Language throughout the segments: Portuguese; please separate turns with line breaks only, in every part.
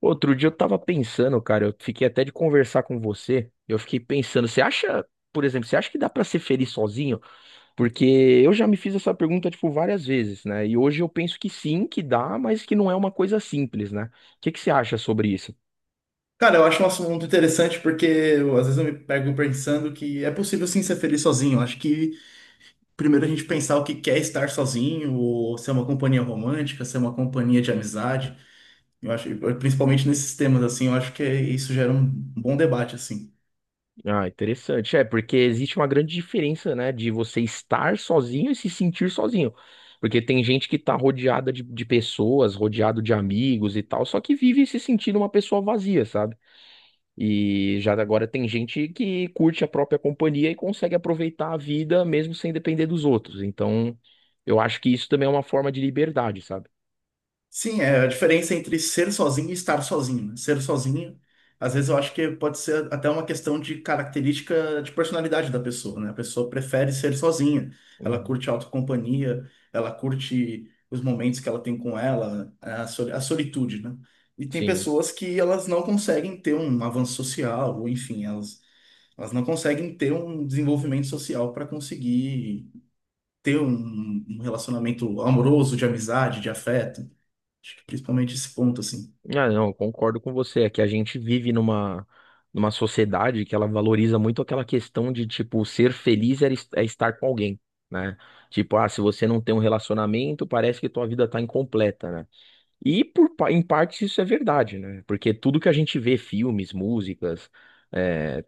Outro dia eu tava pensando, cara, eu fiquei até de conversar com você. Eu fiquei pensando, você acha, por exemplo, você acha que dá pra ser feliz sozinho? Porque eu já me fiz essa pergunta, tipo, várias vezes, né? E hoje eu penso que sim, que dá, mas que não é uma coisa simples, né? O que que você acha sobre isso?
Cara, eu acho um assunto interessante porque eu, às vezes eu me pego pensando que é possível sim ser feliz sozinho. Eu acho que primeiro a gente pensar o que quer estar sozinho, ou ser uma companhia romântica, ser uma companhia de amizade. Eu acho, principalmente nesses temas assim, eu acho que isso gera um bom debate assim.
Ah, interessante. É, porque existe uma grande diferença, né, de você estar sozinho e se sentir sozinho. Porque tem gente que tá rodeada de pessoas, rodeado de amigos e tal, só que vive se sentindo uma pessoa vazia, sabe? E já agora tem gente que curte a própria companhia e consegue aproveitar a vida mesmo sem depender dos outros. Então, eu acho que isso também é uma forma de liberdade, sabe?
Sim, é a diferença entre ser sozinho e estar sozinho. Né? Ser sozinho, às vezes eu acho que pode ser até uma questão de característica de personalidade da pessoa, né? A pessoa prefere ser sozinha, ela
Uhum.
curte a autocompanhia, ela curte os momentos que ela tem com ela, a solitude, né? E tem
Sim.
pessoas que elas não conseguem ter um avanço social, ou enfim, elas não conseguem ter um desenvolvimento social para conseguir ter um relacionamento amoroso, de amizade, de afeto. Acho que principalmente esse ponto, assim.
Ah, não, eu concordo com você. É que a gente vive numa sociedade que ela valoriza muito aquela questão de, tipo, ser feliz é é estar com alguém, né? Tipo, ah, se você não tem um relacionamento, parece que tua vida tá incompleta, né? E em parte isso é verdade, né? Porque tudo que a gente vê, filmes, músicas, é,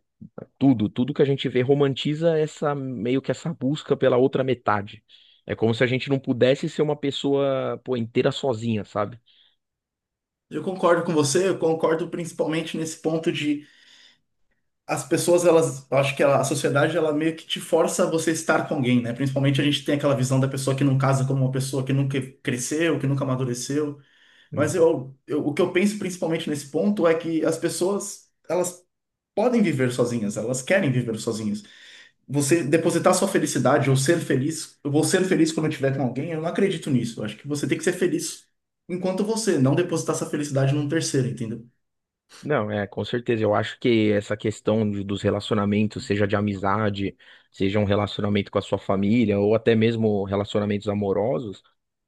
tudo que a gente vê romantiza essa meio que essa busca pela outra metade. É como se a gente não pudesse ser uma pessoa, pô, inteira sozinha, sabe?
Eu concordo com você, eu concordo principalmente nesse ponto de as pessoas, elas, eu acho que a sociedade, ela meio que te força a você estar com alguém, né? Principalmente a gente tem aquela visão da pessoa que não casa como uma pessoa que nunca cresceu, que nunca amadureceu. Mas o que eu penso principalmente nesse ponto é que as pessoas, elas podem viver sozinhas, elas querem viver sozinhas. Você depositar sua felicidade ou ser feliz, eu vou ser feliz quando eu estiver com alguém, eu não acredito nisso. Eu acho que você tem que ser feliz enquanto você, não depositar essa felicidade num terceiro, entendeu?
Não, é, com certeza. Eu acho que essa dos relacionamentos, seja de amizade, seja um relacionamento com a sua família, ou até mesmo relacionamentos amorosos,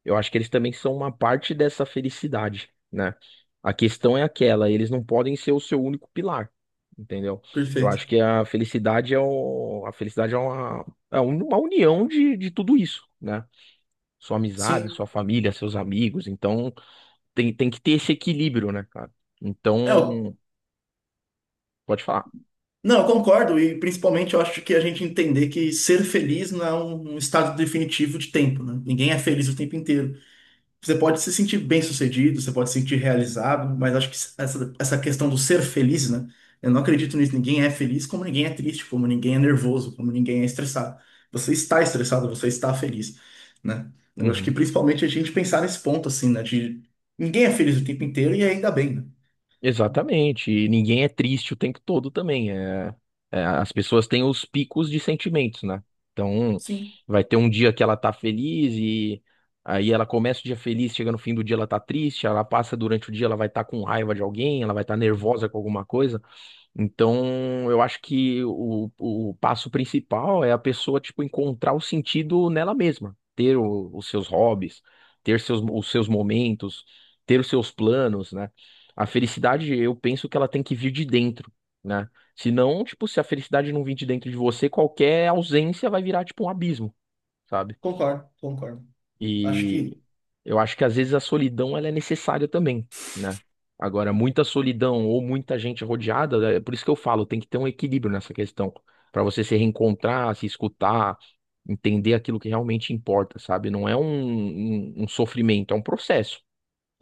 eu acho que eles também são uma parte dessa felicidade, né? A questão é aquela, eles não podem ser o seu único pilar, entendeu? Eu
Perfeito.
acho que a felicidade é uma união de tudo isso, né? Sua amizade,
Sim.
sua família, seus amigos. Então, tem que ter esse equilíbrio, né, cara?
É, eu,
Então, pode falar.
não, eu concordo, e principalmente eu acho que a gente entender que ser feliz não é um estado definitivo de tempo, né? Ninguém é feliz o tempo inteiro. Você pode se sentir bem-sucedido, você pode se sentir realizado, mas acho que essa questão do ser feliz, né? Eu não acredito nisso. Ninguém é feliz como ninguém é triste, como ninguém é nervoso, como ninguém é estressado. Você está estressado, você está feliz, né? Eu acho que
Uhum.
principalmente a gente pensar nesse ponto, assim, né? De ninguém é feliz o tempo inteiro e ainda bem, né?
Exatamente. E ninguém é triste o tempo todo também. É, as pessoas têm os picos de sentimentos, né? Então,
Sim,
vai ter um dia que ela tá feliz e aí ela começa o dia feliz, chega no fim do dia ela tá triste, ela passa durante o dia, ela vai estar com raiva de alguém, ela vai estar nervosa com alguma coisa. Então, eu acho que o passo principal é a pessoa, tipo, encontrar o sentido nela mesma, ter os seus hobbies, ter os seus momentos, ter os seus planos, né? A felicidade, eu penso que ela tem que vir de dentro, né? Senão, tipo, se a felicidade não vir de dentro de você, qualquer ausência vai virar, tipo, um abismo, sabe?
concordo, concordo. Acho
E
que
eu acho que às vezes a solidão ela é necessária também, né? Agora, muita solidão ou muita gente rodeada, é por isso que eu falo, tem que ter um equilíbrio nessa questão, para você se reencontrar, se escutar, entender aquilo que realmente importa, sabe? Não é um sofrimento, é um processo.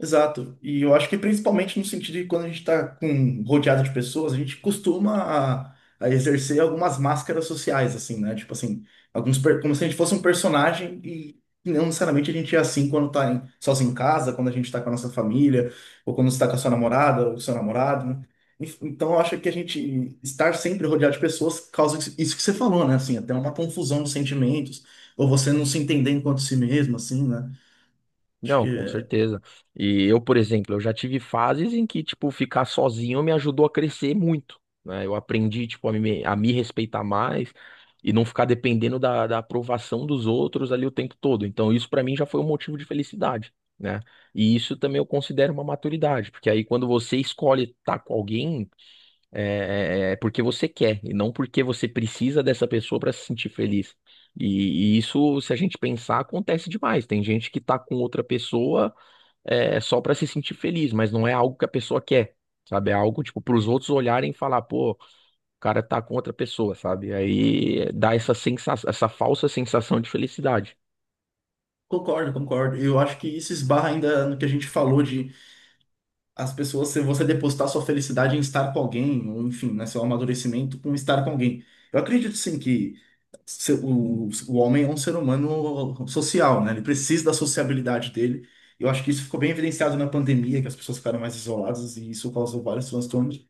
exato. E eu acho que principalmente no sentido de quando a gente está com rodeado de pessoas, a gente costuma a exercer algumas máscaras sociais, assim, né? Tipo assim, como se a gente fosse um personagem e não necessariamente a gente é assim quando sozinho em casa, quando a gente está com a nossa família, ou quando está com a sua namorada ou seu namorado, né? Então eu acho que a gente estar sempre rodeado de pessoas causa isso que você falou, né? Assim, até uma confusão de sentimentos, ou você não se entender enquanto si mesmo, assim,
Não, com
né?
certeza. E eu, por exemplo, eu já tive fases em que, tipo, ficar sozinho me ajudou a crescer muito, né? Eu aprendi, tipo, a me respeitar mais e não ficar dependendo da aprovação dos outros ali o tempo todo. Então, isso pra mim já foi um motivo de felicidade, né? E isso também eu considero uma maturidade, porque aí quando você escolhe estar com alguém, é porque você quer e não porque você precisa dessa pessoa para se sentir feliz. E isso, se a gente pensar, acontece demais. Tem gente que tá com outra pessoa só para se sentir feliz, mas não é algo que a pessoa quer, sabe? É algo tipo para os outros olharem e falar, pô, o cara tá com outra pessoa, sabe? Aí dá essa sensação, essa falsa sensação de felicidade.
Concordo, concordo. Eu acho que isso esbarra ainda no que a gente falou de as pessoas, se você depositar sua felicidade em estar com alguém, ou enfim, né, seu amadurecimento com estar com alguém. Eu acredito sim que o homem é um ser humano social, né? Ele precisa da sociabilidade dele. Eu acho que isso ficou bem evidenciado na pandemia, que as pessoas ficaram mais isoladas e isso causou vários transtornos.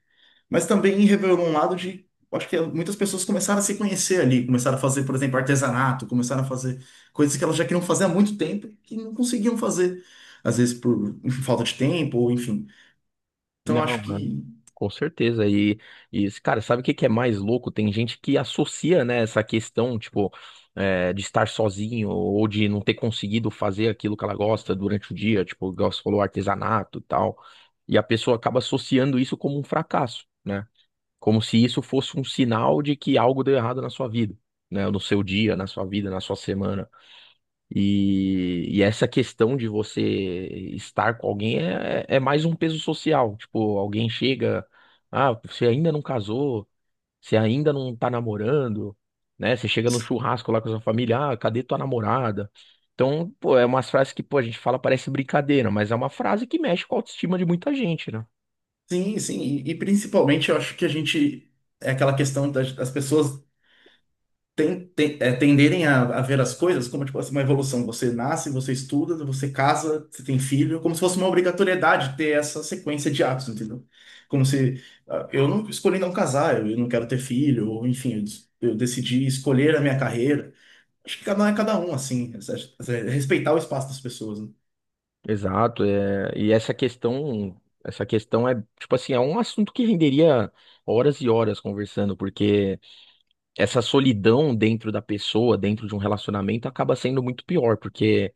Mas também revelou um lado de. Acho que muitas pessoas começaram a se conhecer ali, começaram a fazer, por exemplo, artesanato, começaram a fazer coisas que elas já queriam fazer há muito tempo e que não conseguiam fazer, às vezes por enfim, falta de tempo, ou enfim. Então
Não,
acho
né?
que
Com certeza. Cara, sabe o que que é mais louco? Tem gente que associa, né, essa questão, tipo, de estar sozinho ou de não ter conseguido fazer aquilo que ela gosta durante o dia, tipo, igual você falou, artesanato e tal. E a pessoa acaba associando isso como um fracasso, né? Como se isso fosse um sinal de que algo deu errado na sua vida, né? No seu dia, na sua vida, na sua semana. E essa questão de você estar com alguém é mais um peso social. Tipo, alguém chega, ah, você ainda não casou, você ainda não tá namorando, né? Você chega no churrasco lá com a sua família, ah, cadê tua namorada? Então, pô, é umas frases que, pô, a gente fala, parece brincadeira, mas é uma frase que mexe com a autoestima de muita gente, né?
sim, sim, e principalmente eu acho que a gente é aquela questão das, das pessoas tenderem a ver as coisas como tipo assim, uma evolução. Você nasce, você estuda, você casa, você tem filho, como se fosse uma obrigatoriedade ter essa sequência de atos, entendeu? Como se ah, eu não escolhi não casar, eu, não quero ter filho, ou enfim, eu, eu decidi escolher a minha carreira. Acho que cada um é cada um, assim, respeitar o espaço das pessoas, né?
Exato, é, essa questão tipo assim, é um assunto que renderia horas e horas conversando, porque. Essa solidão dentro da pessoa, dentro de um relacionamento, acaba sendo muito pior, porque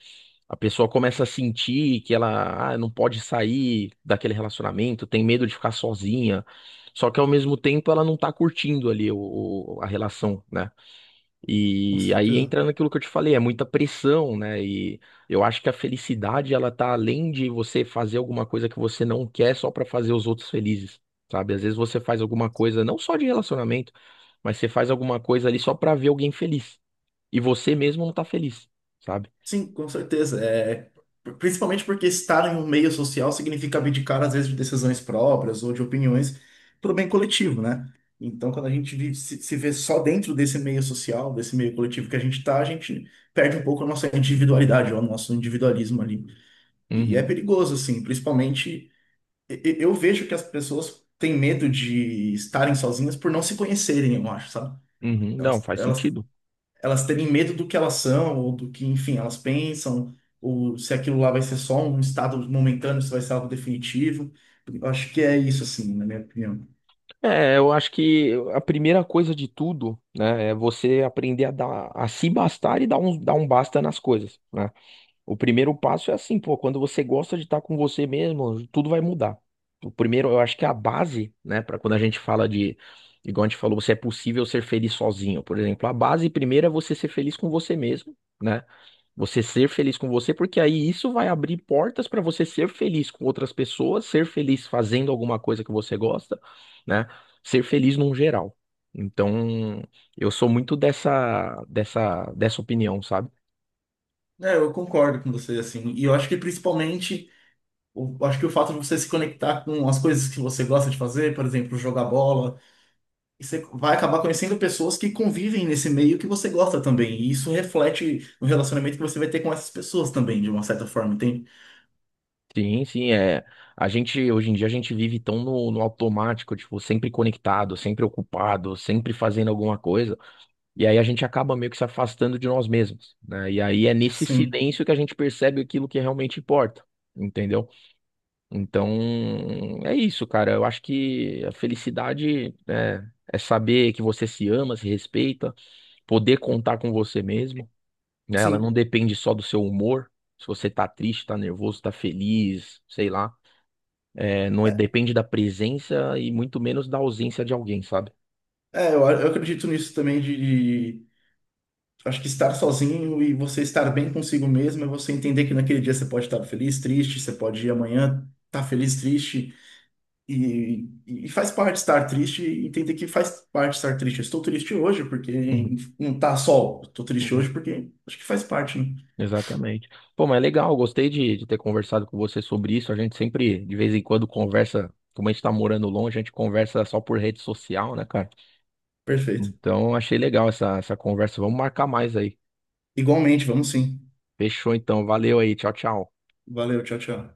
a pessoa começa a sentir que ela, ah, não pode sair daquele relacionamento, tem medo de ficar sozinha. Só que ao mesmo tempo ela não tá curtindo ali a relação, né?
Com
E aí
certeza.
entra naquilo que eu te falei, é muita pressão, né? E eu acho que a felicidade, ela tá além de você fazer alguma coisa que você não quer só pra fazer os outros felizes, sabe? Às vezes você faz alguma coisa, não só de relacionamento, mas você faz alguma coisa ali só pra ver alguém feliz. E você mesmo não tá feliz, sabe?
Sim, com certeza. É, principalmente porque estar em um meio social significa abdicar, às vezes, de decisões próprias ou de opiniões para o bem coletivo, né? Então, quando a gente se, se vê só dentro desse meio social, desse meio coletivo que a gente está, a gente perde um pouco a nossa individualidade, ou o nosso individualismo ali. E é
Uhum,
perigoso, assim, principalmente eu vejo que as pessoas têm medo de estarem sozinhas por não se conhecerem, eu acho, sabe?
uhum, não,
Elas,
faz
elas
sentido.
elas terem medo do que elas são, ou do que, enfim, elas pensam, ou se aquilo lá vai ser só um estado momentâneo, se vai ser algo definitivo. Eu acho que é isso, assim, na minha opinião.
É, eu acho que a primeira coisa de tudo, né, é você aprender a dar, a se bastar e dar dar um basta nas coisas, né? O primeiro passo é assim, pô, quando você gosta de estar com você mesmo, tudo vai mudar. O primeiro, eu acho que é a base, né, para quando a gente fala de, igual a gente falou, você é possível ser feliz sozinho, por exemplo. A base primeiro é você ser feliz com você mesmo, né? Você ser feliz com você, porque aí isso vai abrir portas para você ser feliz com outras pessoas, ser feliz fazendo alguma coisa que você gosta, né? Ser feliz num geral. Então, eu sou muito dessa opinião, sabe?
É, eu concordo com você, assim, e eu acho que principalmente, eu acho que o fato de você se conectar com as coisas que você gosta de fazer, por exemplo, jogar bola, e você vai acabar conhecendo pessoas que convivem nesse meio que você gosta também, e isso reflete no relacionamento que você vai ter com essas pessoas também, de uma certa forma, entende?
Sim, sim, é. A gente, hoje em dia, a gente vive tão no automático, tipo, sempre conectado, sempre ocupado, sempre fazendo alguma coisa. E aí a gente acaba meio que se afastando de nós mesmos, né? E aí é nesse
Sim,
silêncio que a gente percebe aquilo que realmente importa, entendeu? Então, é isso, cara. Eu acho que a felicidade é, é saber que você se ama, se respeita, poder contar com você mesmo, né? Ela não
sim.
depende só do seu humor. Se você tá triste, tá nervoso, tá feliz, sei lá. É, não é- depende da presença e muito menos da ausência de alguém, sabe?
É, eu acredito nisso também acho que estar sozinho e você estar bem consigo mesmo é você entender que naquele dia você pode estar feliz, triste, você pode ir amanhã estar feliz, triste e, e faz parte estar triste e entender que faz parte estar triste. Eu estou triste hoje porque
Uhum,
não tá sol, estou triste hoje
uhum.
porque acho que faz parte, né?
Exatamente. Pô, mas é legal, gostei de ter conversado com você sobre isso. A gente sempre, de vez em quando, conversa, como a gente tá morando longe, a gente conversa só por rede social, né, cara?
Perfeito.
Então, achei legal essa conversa. Vamos marcar mais aí.
Igualmente, vamos sim.
Fechou, então. Valeu aí. Tchau, tchau.
Valeu, tchau, tchau.